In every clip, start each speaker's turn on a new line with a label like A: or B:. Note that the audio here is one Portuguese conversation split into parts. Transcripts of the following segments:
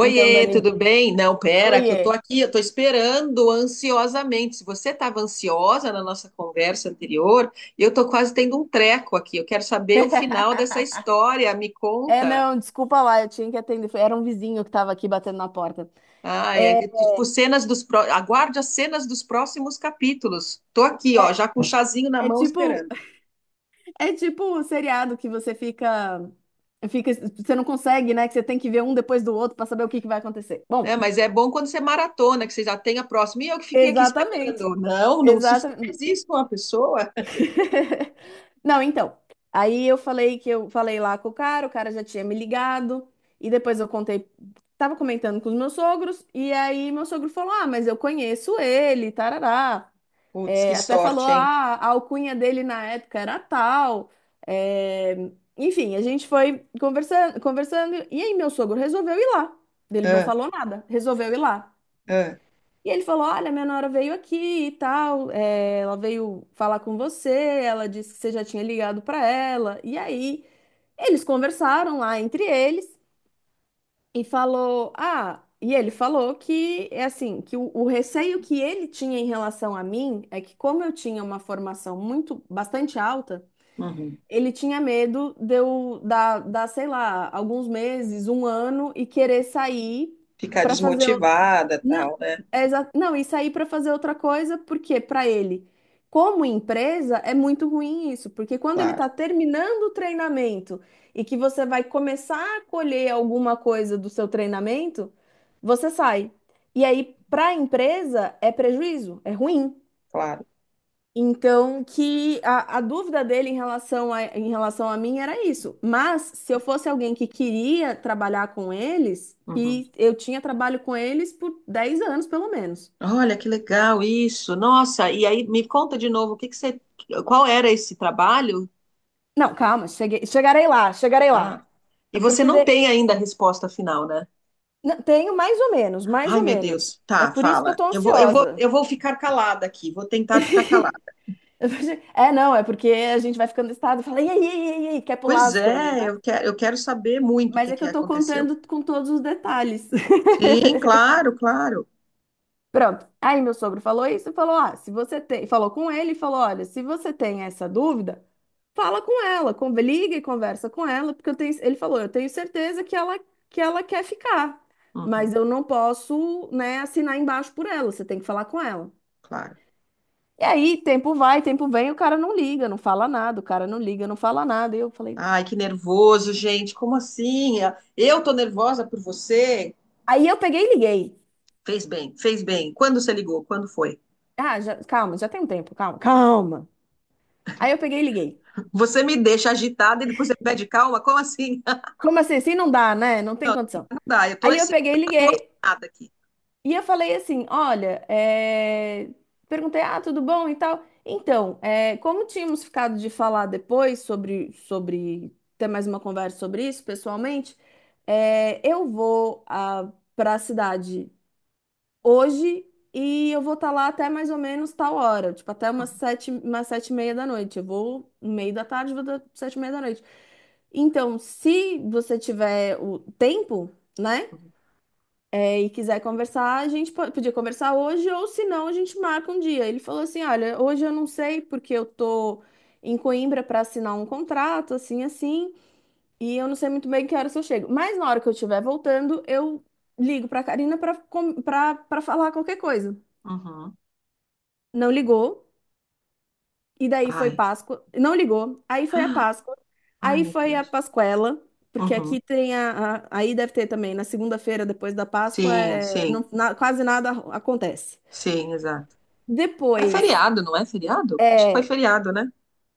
A: Então, Dani,
B: tudo bem? Não, pera, que eu
A: oiê.
B: tô aqui, eu tô esperando ansiosamente. Se você estava ansiosa na nossa conversa anterior, eu tô quase tendo um treco aqui. Eu quero saber o final dessa história. Me
A: É,
B: conta.
A: não, desculpa lá, eu tinha que atender. Era um vizinho que tava aqui batendo na porta.
B: Ai, é,
A: É,
B: tipo, Aguarde as cenas dos próximos capítulos. Tô aqui, ó,
A: é,
B: já com o chazinho na
A: É
B: mão
A: tipo,
B: esperando.
A: é tipo o seriado que você fica, você não consegue, né? Que você tem que ver um depois do outro para saber o que que vai acontecer.
B: Né?
A: Bom,
B: Mas é bom quando você maratona, que você já tem a próxima. E eu que fiquei aqui
A: exatamente,
B: esperando. Não, não se
A: exatamente.
B: faz isso com a pessoa.
A: Não, então. Aí eu falei que eu falei lá com o cara já tinha me ligado, e depois eu contei, tava comentando com os meus sogros, e aí meu sogro falou: "Ah, mas eu conheço ele, tarará."
B: Putz, que
A: É, até falou:
B: sorte, hein?
A: "Ah, a alcunha dele na época era tal." É, enfim, a gente foi conversando, conversando, e aí meu sogro resolveu ir lá. Ele não
B: Ah,
A: falou nada, resolveu ir lá.
B: ah,
A: E ele falou: "Olha, minha nora veio aqui e tal, é, ela veio falar com você, ela disse que você já tinha ligado para ela." E aí eles conversaram lá entre eles e falou: "Ah", e ele falou que é assim, que o receio que ele tinha em relação a mim é que, como eu tinha uma formação muito, bastante alta,
B: uhum.
A: ele tinha medo de eu dar, sei lá, alguns meses, um ano e querer sair
B: Ficar
A: para fazer.
B: desmotivada,
A: Não,
B: tal, né?
A: não, e sair para fazer outra coisa, porque para ele, como empresa, é muito ruim isso, porque quando ele
B: Claro,
A: está terminando o treinamento e que você vai começar a colher alguma coisa do seu treinamento, você sai. E aí, para a empresa, é prejuízo, é ruim.
B: claro.
A: Então, que a dúvida dele em relação a mim era isso. Mas, se eu fosse alguém que queria trabalhar com eles,
B: Uhum.
A: que eu tinha trabalho com eles por 10 anos, pelo menos.
B: Olha que legal isso. Nossa, e aí me conta de novo, o que que você, qual era esse trabalho?
A: Não, calma, cheguei, chegarei lá, chegarei lá.
B: Ah,
A: É
B: e você
A: porque
B: não
A: de-
B: tem ainda a resposta final, né?
A: não, tenho mais ou menos, mais
B: Ai,
A: ou
B: meu
A: menos.
B: Deus.
A: É
B: Tá,
A: por isso que eu
B: fala.
A: tô
B: Eu vou, eu vou,
A: ansiosa.
B: eu vou ficar calada aqui, vou tentar ficar calada.
A: É, não, é porque a gente vai ficando estado e fala, e aí, e aí, e aí, quer pular
B: Pois
A: as coisas,
B: é,
A: né?
B: eu quero saber muito o
A: Mas
B: que
A: é que
B: que
A: eu tô
B: aconteceu.
A: contando com todos os detalhes.
B: Sim, claro, claro.
A: Pronto. Aí meu sogro falou isso e falou: "Ah, se você tem", falou com ele e falou: "Olha, se você tem essa dúvida, fala com ela, liga e conversa com ela, porque eu tenho", ele falou, "eu tenho certeza que ela quer ficar,
B: Uhum,
A: mas eu não posso, né, assinar embaixo por ela, você tem que falar com ela".
B: claro.
A: E aí, tempo vai, tempo vem, o cara não liga, não fala nada, o cara não liga, não fala nada. E eu falei:
B: Ai, que nervoso, gente. Como assim? Eu tô nervosa por você?
A: "Aí eu peguei e liguei.
B: Fez bem, fez bem. Quando você ligou? Quando foi?
A: Calma, já tem um tempo, calma, calma. Aí eu peguei e liguei.
B: Você me deixa agitada e depois você pede calma? Como assim?
A: Como assim? Assim não dá, né? Não tem condição.
B: Não dá, eu tô
A: Aí eu peguei e liguei."
B: excitada aqui.
A: E eu falei assim: "Olha, é, perguntei, ah, tudo bom e tal. Então, é, como tínhamos ficado de falar depois sobre ter mais uma conversa sobre isso pessoalmente, é, eu vou para a cidade hoje e eu vou estar lá até mais ou menos tal hora, tipo até umas 7h, umas 7h30 da noite. Eu vou no meio da tarde, vou das 7h30 da noite. Então, se você tiver o tempo, né?
B: Uhum,
A: É, e quiser conversar, a gente podia conversar hoje, ou se não, a gente marca um dia." Ele falou assim: "Olha, hoje eu não sei porque eu tô em Coimbra para assinar um contrato, assim, assim, e eu não sei muito bem que horas eu chego. Mas na hora que eu estiver voltando, eu ligo para Karina para falar qualquer coisa."
B: uhum.
A: Não ligou, e daí foi
B: Ai,
A: Páscoa. Não ligou, aí foi a Páscoa,
B: ai,
A: aí
B: meu
A: foi a
B: Deus.
A: Pascuela. Porque
B: Uhum.
A: aqui Aí deve ter também, na segunda-feira, depois da Páscoa,
B: Sim,
A: é,
B: sim,
A: quase nada acontece.
B: sim, exato. É
A: Depois,
B: feriado, não é feriado? Acho que foi
A: é, é,
B: feriado, né?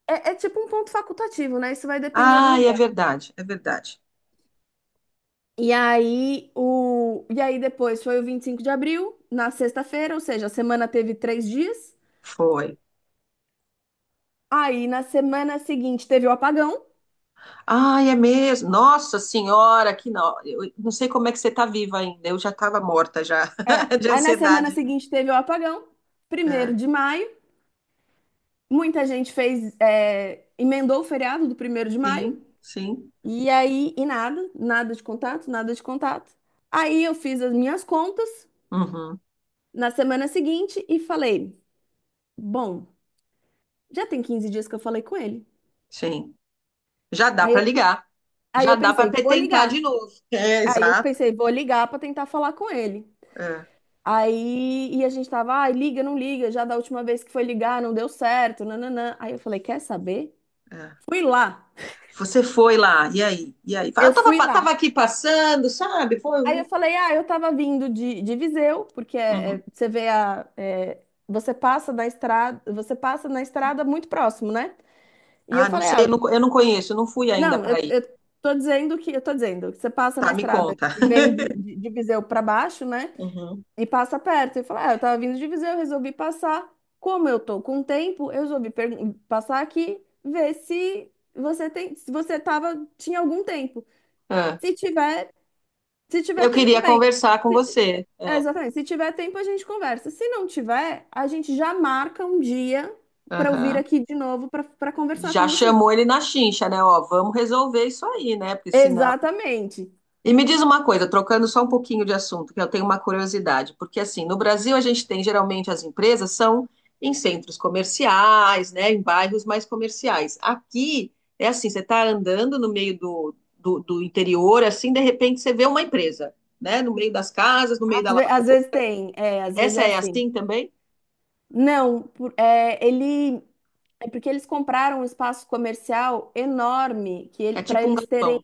A: é tipo um ponto facultativo, né? Isso vai depender do
B: Ai, é
A: lugar.
B: verdade, é verdade.
A: E aí, e aí depois foi o 25 de abril, na sexta-feira, ou seja, a semana teve 3 dias.
B: Foi.
A: Aí na semana seguinte teve o apagão.
B: Ai, é mesmo. Nossa Senhora, que não. Eu não sei como é que você tá viva ainda. Eu já estava morta já
A: É.
B: de
A: Aí na semana
B: ansiedade.
A: seguinte teve o apagão, primeiro
B: É.
A: de maio. Muita gente fez, é, emendou o feriado do 1º de maio.
B: Sim, sim.
A: E aí, e nada, nada de contato, nada de contato. Aí eu fiz as minhas contas
B: Uhum,
A: na semana seguinte e falei. Bom, já tem 15 dias que eu falei com ele.
B: sim. Já dá
A: Aí
B: para
A: eu,
B: ligar.
A: aí
B: Já
A: eu
B: dá para
A: pensei, vou
B: tentar de
A: ligar.
B: novo. É,
A: Aí eu
B: exato.
A: pensei, vou ligar pra tentar falar com ele.
B: É,
A: Aí e a gente tava, ai, liga, não liga, já da última vez que foi ligar não deu certo, nananã. Aí eu falei, quer saber?
B: é.
A: Fui lá.
B: Você foi lá, e aí? E aí? Fala, eu
A: Eu
B: tava,
A: fui lá.
B: tava aqui passando, sabe? Foi.
A: Aí eu
B: Um
A: falei, ah, eu tava vindo de Viseu, porque é,
B: uhum.
A: é, você vê a é, você passa na estrada, você passa na estrada muito próximo, né? E eu
B: Ah, não
A: falei,
B: sei,
A: ah,
B: eu não conheço, eu não fui ainda
A: não,
B: para aí.
A: eu tô dizendo que você passa na
B: Tá, me
A: estrada
B: conta.
A: e vem de Viseu para baixo, né?
B: Uhum.
A: E passa perto. E fala, ah, eu tava vindo de Viseu, eu resolvi passar. Como eu tô com tempo, eu resolvi passar aqui, ver se você tem, se você tava, tinha algum tempo.
B: É.
A: Se tiver, Se tiver
B: Eu
A: tempo,
B: queria
A: bem.
B: conversar com você.
A: É,
B: É.
A: exatamente. Se tiver tempo, a gente conversa. Se não tiver, a gente já marca um dia para eu vir
B: Aham.
A: aqui de novo para conversar
B: Já
A: com você.
B: chamou ele na chincha, né? Ó, vamos resolver isso aí, né? Porque senão.
A: Exatamente.
B: E me diz uma coisa, trocando só um pouquinho de assunto, que eu tenho uma curiosidade, porque assim, no Brasil a gente tem geralmente as empresas são em centros comerciais, né, em bairros mais comerciais. Aqui é assim, você está andando no meio do interior, assim, de repente você vê uma empresa, né, no meio das casas, no meio da lavoura.
A: Às vezes tem, é, às vezes
B: Essa
A: é
B: é
A: assim.
B: assim também?
A: Não, é, ele é porque eles compraram um espaço comercial enorme que
B: É
A: ele, para
B: tipo um
A: eles terem
B: galpão.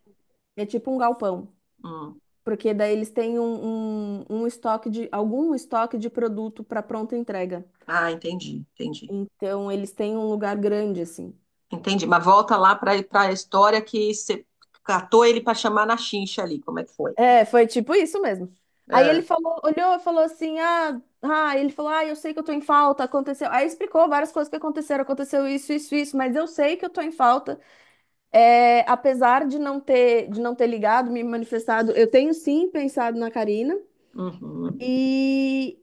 A: é tipo um galpão,
B: Hum.
A: porque daí eles têm um estoque de algum estoque de produto para pronta entrega.
B: Ah, entendi, entendi,
A: Então eles têm um lugar grande assim.
B: entendi. Mas volta lá para a história que você catou ele para chamar na chincha ali, como é que foi?
A: É, foi tipo isso mesmo. Aí ele
B: É.
A: falou, olhou e falou assim: "Ah, ah", ele falou, "ah, eu sei que eu tô em falta, aconteceu." Aí explicou várias coisas que aconteceram, aconteceu isso, isso, isso, mas eu sei que eu tô em falta. É, apesar de não ter ligado, me manifestado, eu tenho sim pensado na Karina.
B: Uhum.
A: E,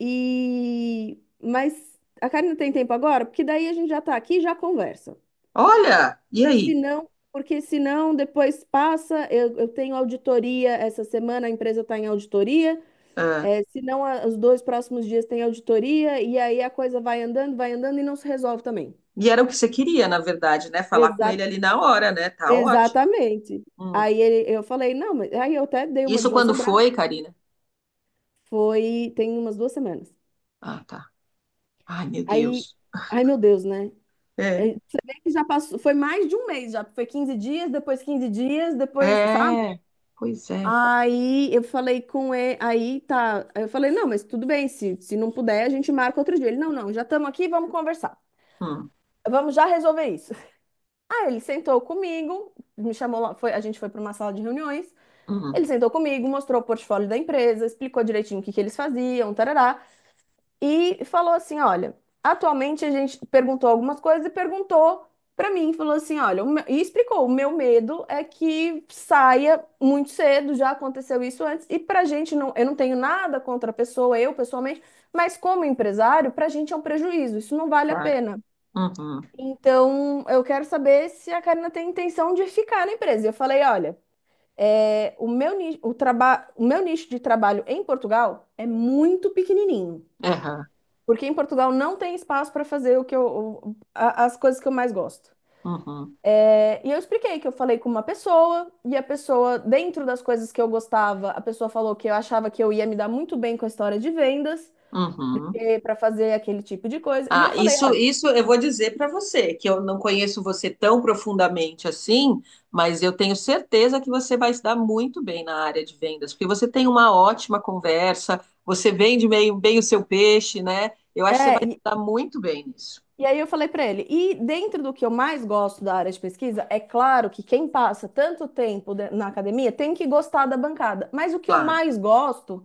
A: e... Mas a Karina tem tempo agora? Porque daí a gente já tá aqui e já conversa.
B: Olha, e aí?
A: Porque senão depois passa, eu tenho auditoria essa semana, a empresa está em auditoria.
B: Ah,
A: É, senão, os dois próximos dias tem auditoria, e aí a coisa vai andando e não se resolve também.
B: e era o que você queria, na verdade, né? Falar com
A: Exa-
B: ele ali na hora, né? Tá ótimo.
A: Exatamente.
B: Hum.
A: Aí ele- eu falei, não, mas aí eu até dei uma de
B: Isso
A: João
B: quando
A: Sem.
B: foi, Karina?
A: Foi, tem umas 2 semanas.
B: Ah, tá. Ai, meu
A: Aí,
B: Deus.
A: ai meu Deus, né?
B: É.
A: É, você vê que já passou, foi mais de um mês já, foi 15 dias, depois 15 dias, depois, sabe?
B: É. Pois é.
A: Aí eu falei com ele, aí tá, aí eu falei, não, mas tudo bem, se não puder, a gente marca outro dia. Ele, não, não, já estamos aqui, vamos conversar.
B: Hum,
A: Vamos já resolver isso. Aí ele sentou comigo, me chamou lá, foi, a gente foi para uma sala de reuniões. Ele
B: hum,
A: sentou comigo, mostrou o portfólio da empresa, explicou direitinho o que que eles faziam, tarará. E falou assim: "Olha, atualmente a gente perguntou algumas coisas e perguntou para mim", falou assim: "Olha, e explicou: "O meu medo é que saia muito cedo, já aconteceu isso antes, e para a gente não, eu não tenho nada contra a pessoa, eu pessoalmente, mas como empresário, para a gente é um prejuízo, isso não vale a
B: claro.
A: pena.
B: Uhum.
A: Então, eu quero saber se a Karina tem intenção de ficar na empresa." E eu falei: "Olha, é, o meu nicho de trabalho em Portugal é muito pequenininho.
B: Aham.
A: Porque em Portugal não tem espaço para fazer o que eu, as coisas que eu mais gosto."
B: Uhum.
A: É, e eu expliquei que eu falei com uma pessoa, e a pessoa, dentro das coisas que eu gostava, a pessoa falou que eu achava que eu ia me dar muito bem com a história de vendas,
B: Uhum.
A: para fazer aquele tipo de coisa. E eu
B: Ah,
A: falei,
B: isso,
A: olha,
B: isso eu vou dizer para você, que eu não conheço você tão profundamente assim, mas eu tenho certeza que você vai se dar muito bem na área de vendas, porque você tem uma ótima conversa, você vende meio bem o seu peixe, né? Eu acho que você vai
A: é,
B: se dar muito bem nisso,
A: e aí eu falei para ele, e dentro do que eu mais gosto da área de pesquisa, é claro que quem passa tanto tempo na academia tem que gostar da bancada, mas o que eu
B: claro.
A: mais gosto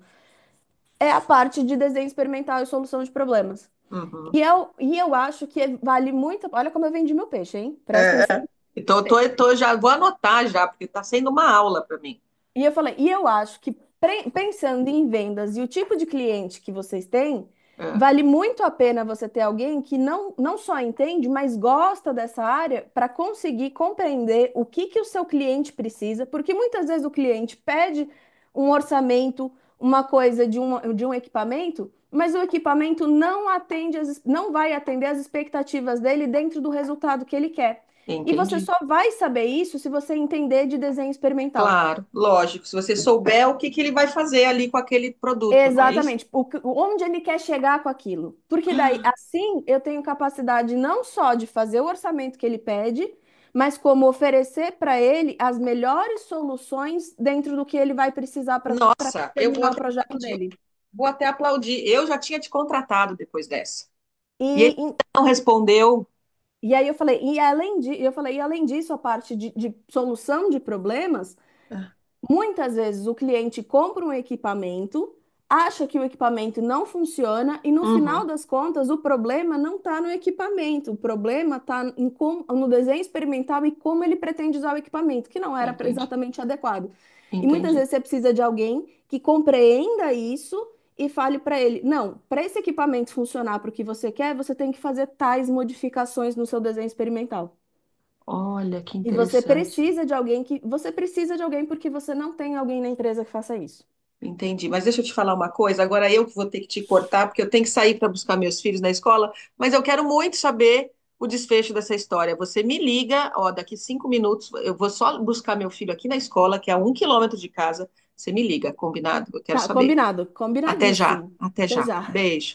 A: é a parte de desenho experimental e solução de problemas.
B: Uhum.
A: E eu acho que vale muito. Olha como eu vendi meu peixe, hein? Presta atenção no
B: Então, eu tô,
A: peixe.
B: eu tô- já vou anotar já, porque está sendo uma aula para mim.
A: E eu falei, e eu acho que pensando em vendas e o tipo de cliente que vocês têm,
B: É,
A: vale muito a pena você ter alguém que não, não só entende, mas gosta dessa área para conseguir compreender o que que o seu cliente precisa, porque muitas vezes o cliente pede um orçamento, uma coisa de um equipamento, mas o equipamento não atende as, não vai atender as expectativas dele dentro do resultado que ele quer. E você
B: entendi.
A: só vai saber isso se você entender de desenho experimental.
B: Claro, lógico. Se você souber o que que ele vai fazer ali com aquele produto, não é isso?
A: Exatamente, o que- onde ele quer chegar com aquilo. Porque daí, assim, eu tenho capacidade não só de fazer o orçamento que ele pede, mas como oferecer para ele as melhores soluções dentro do que ele vai precisar para
B: Nossa, eu vou
A: terminar o
B: até
A: projeto dele.
B: vou até aplaudir. Eu já tinha te contratado depois dessa.
A: E,
B: E ele
A: e,
B: não respondeu.
A: e aí eu falei, eu falei, e além disso, a parte de solução de problemas, muitas vezes o cliente compra um equipamento, acha que o equipamento não funciona e no final
B: Uhum,
A: das contas o problema não está no equipamento, o problema está no desenho experimental e como ele pretende usar o equipamento, que não era
B: entendi,
A: exatamente adequado. E muitas
B: entendi.
A: vezes você precisa de alguém que compreenda isso e fale para ele: "Não, para esse equipamento funcionar para o que você quer, você tem que fazer tais modificações no seu desenho experimental."
B: Olha que
A: E você
B: interessante.
A: precisa de alguém que. Você precisa de alguém porque você não tem alguém na empresa que faça isso.
B: Entendi. Mas deixa eu te falar uma coisa. Agora eu que vou ter que te cortar, porque eu tenho que sair para buscar meus filhos na escola. Mas eu quero muito saber o desfecho dessa história. Você me liga, ó, daqui 5 minutos. Eu vou só buscar meu filho aqui na escola, que é a 1 quilômetro de casa. Você me liga, combinado? Eu quero
A: Tá,
B: saber.
A: combinado.
B: Até já,
A: Combinadíssimo.
B: até
A: Até
B: já.
A: já.
B: Beijo.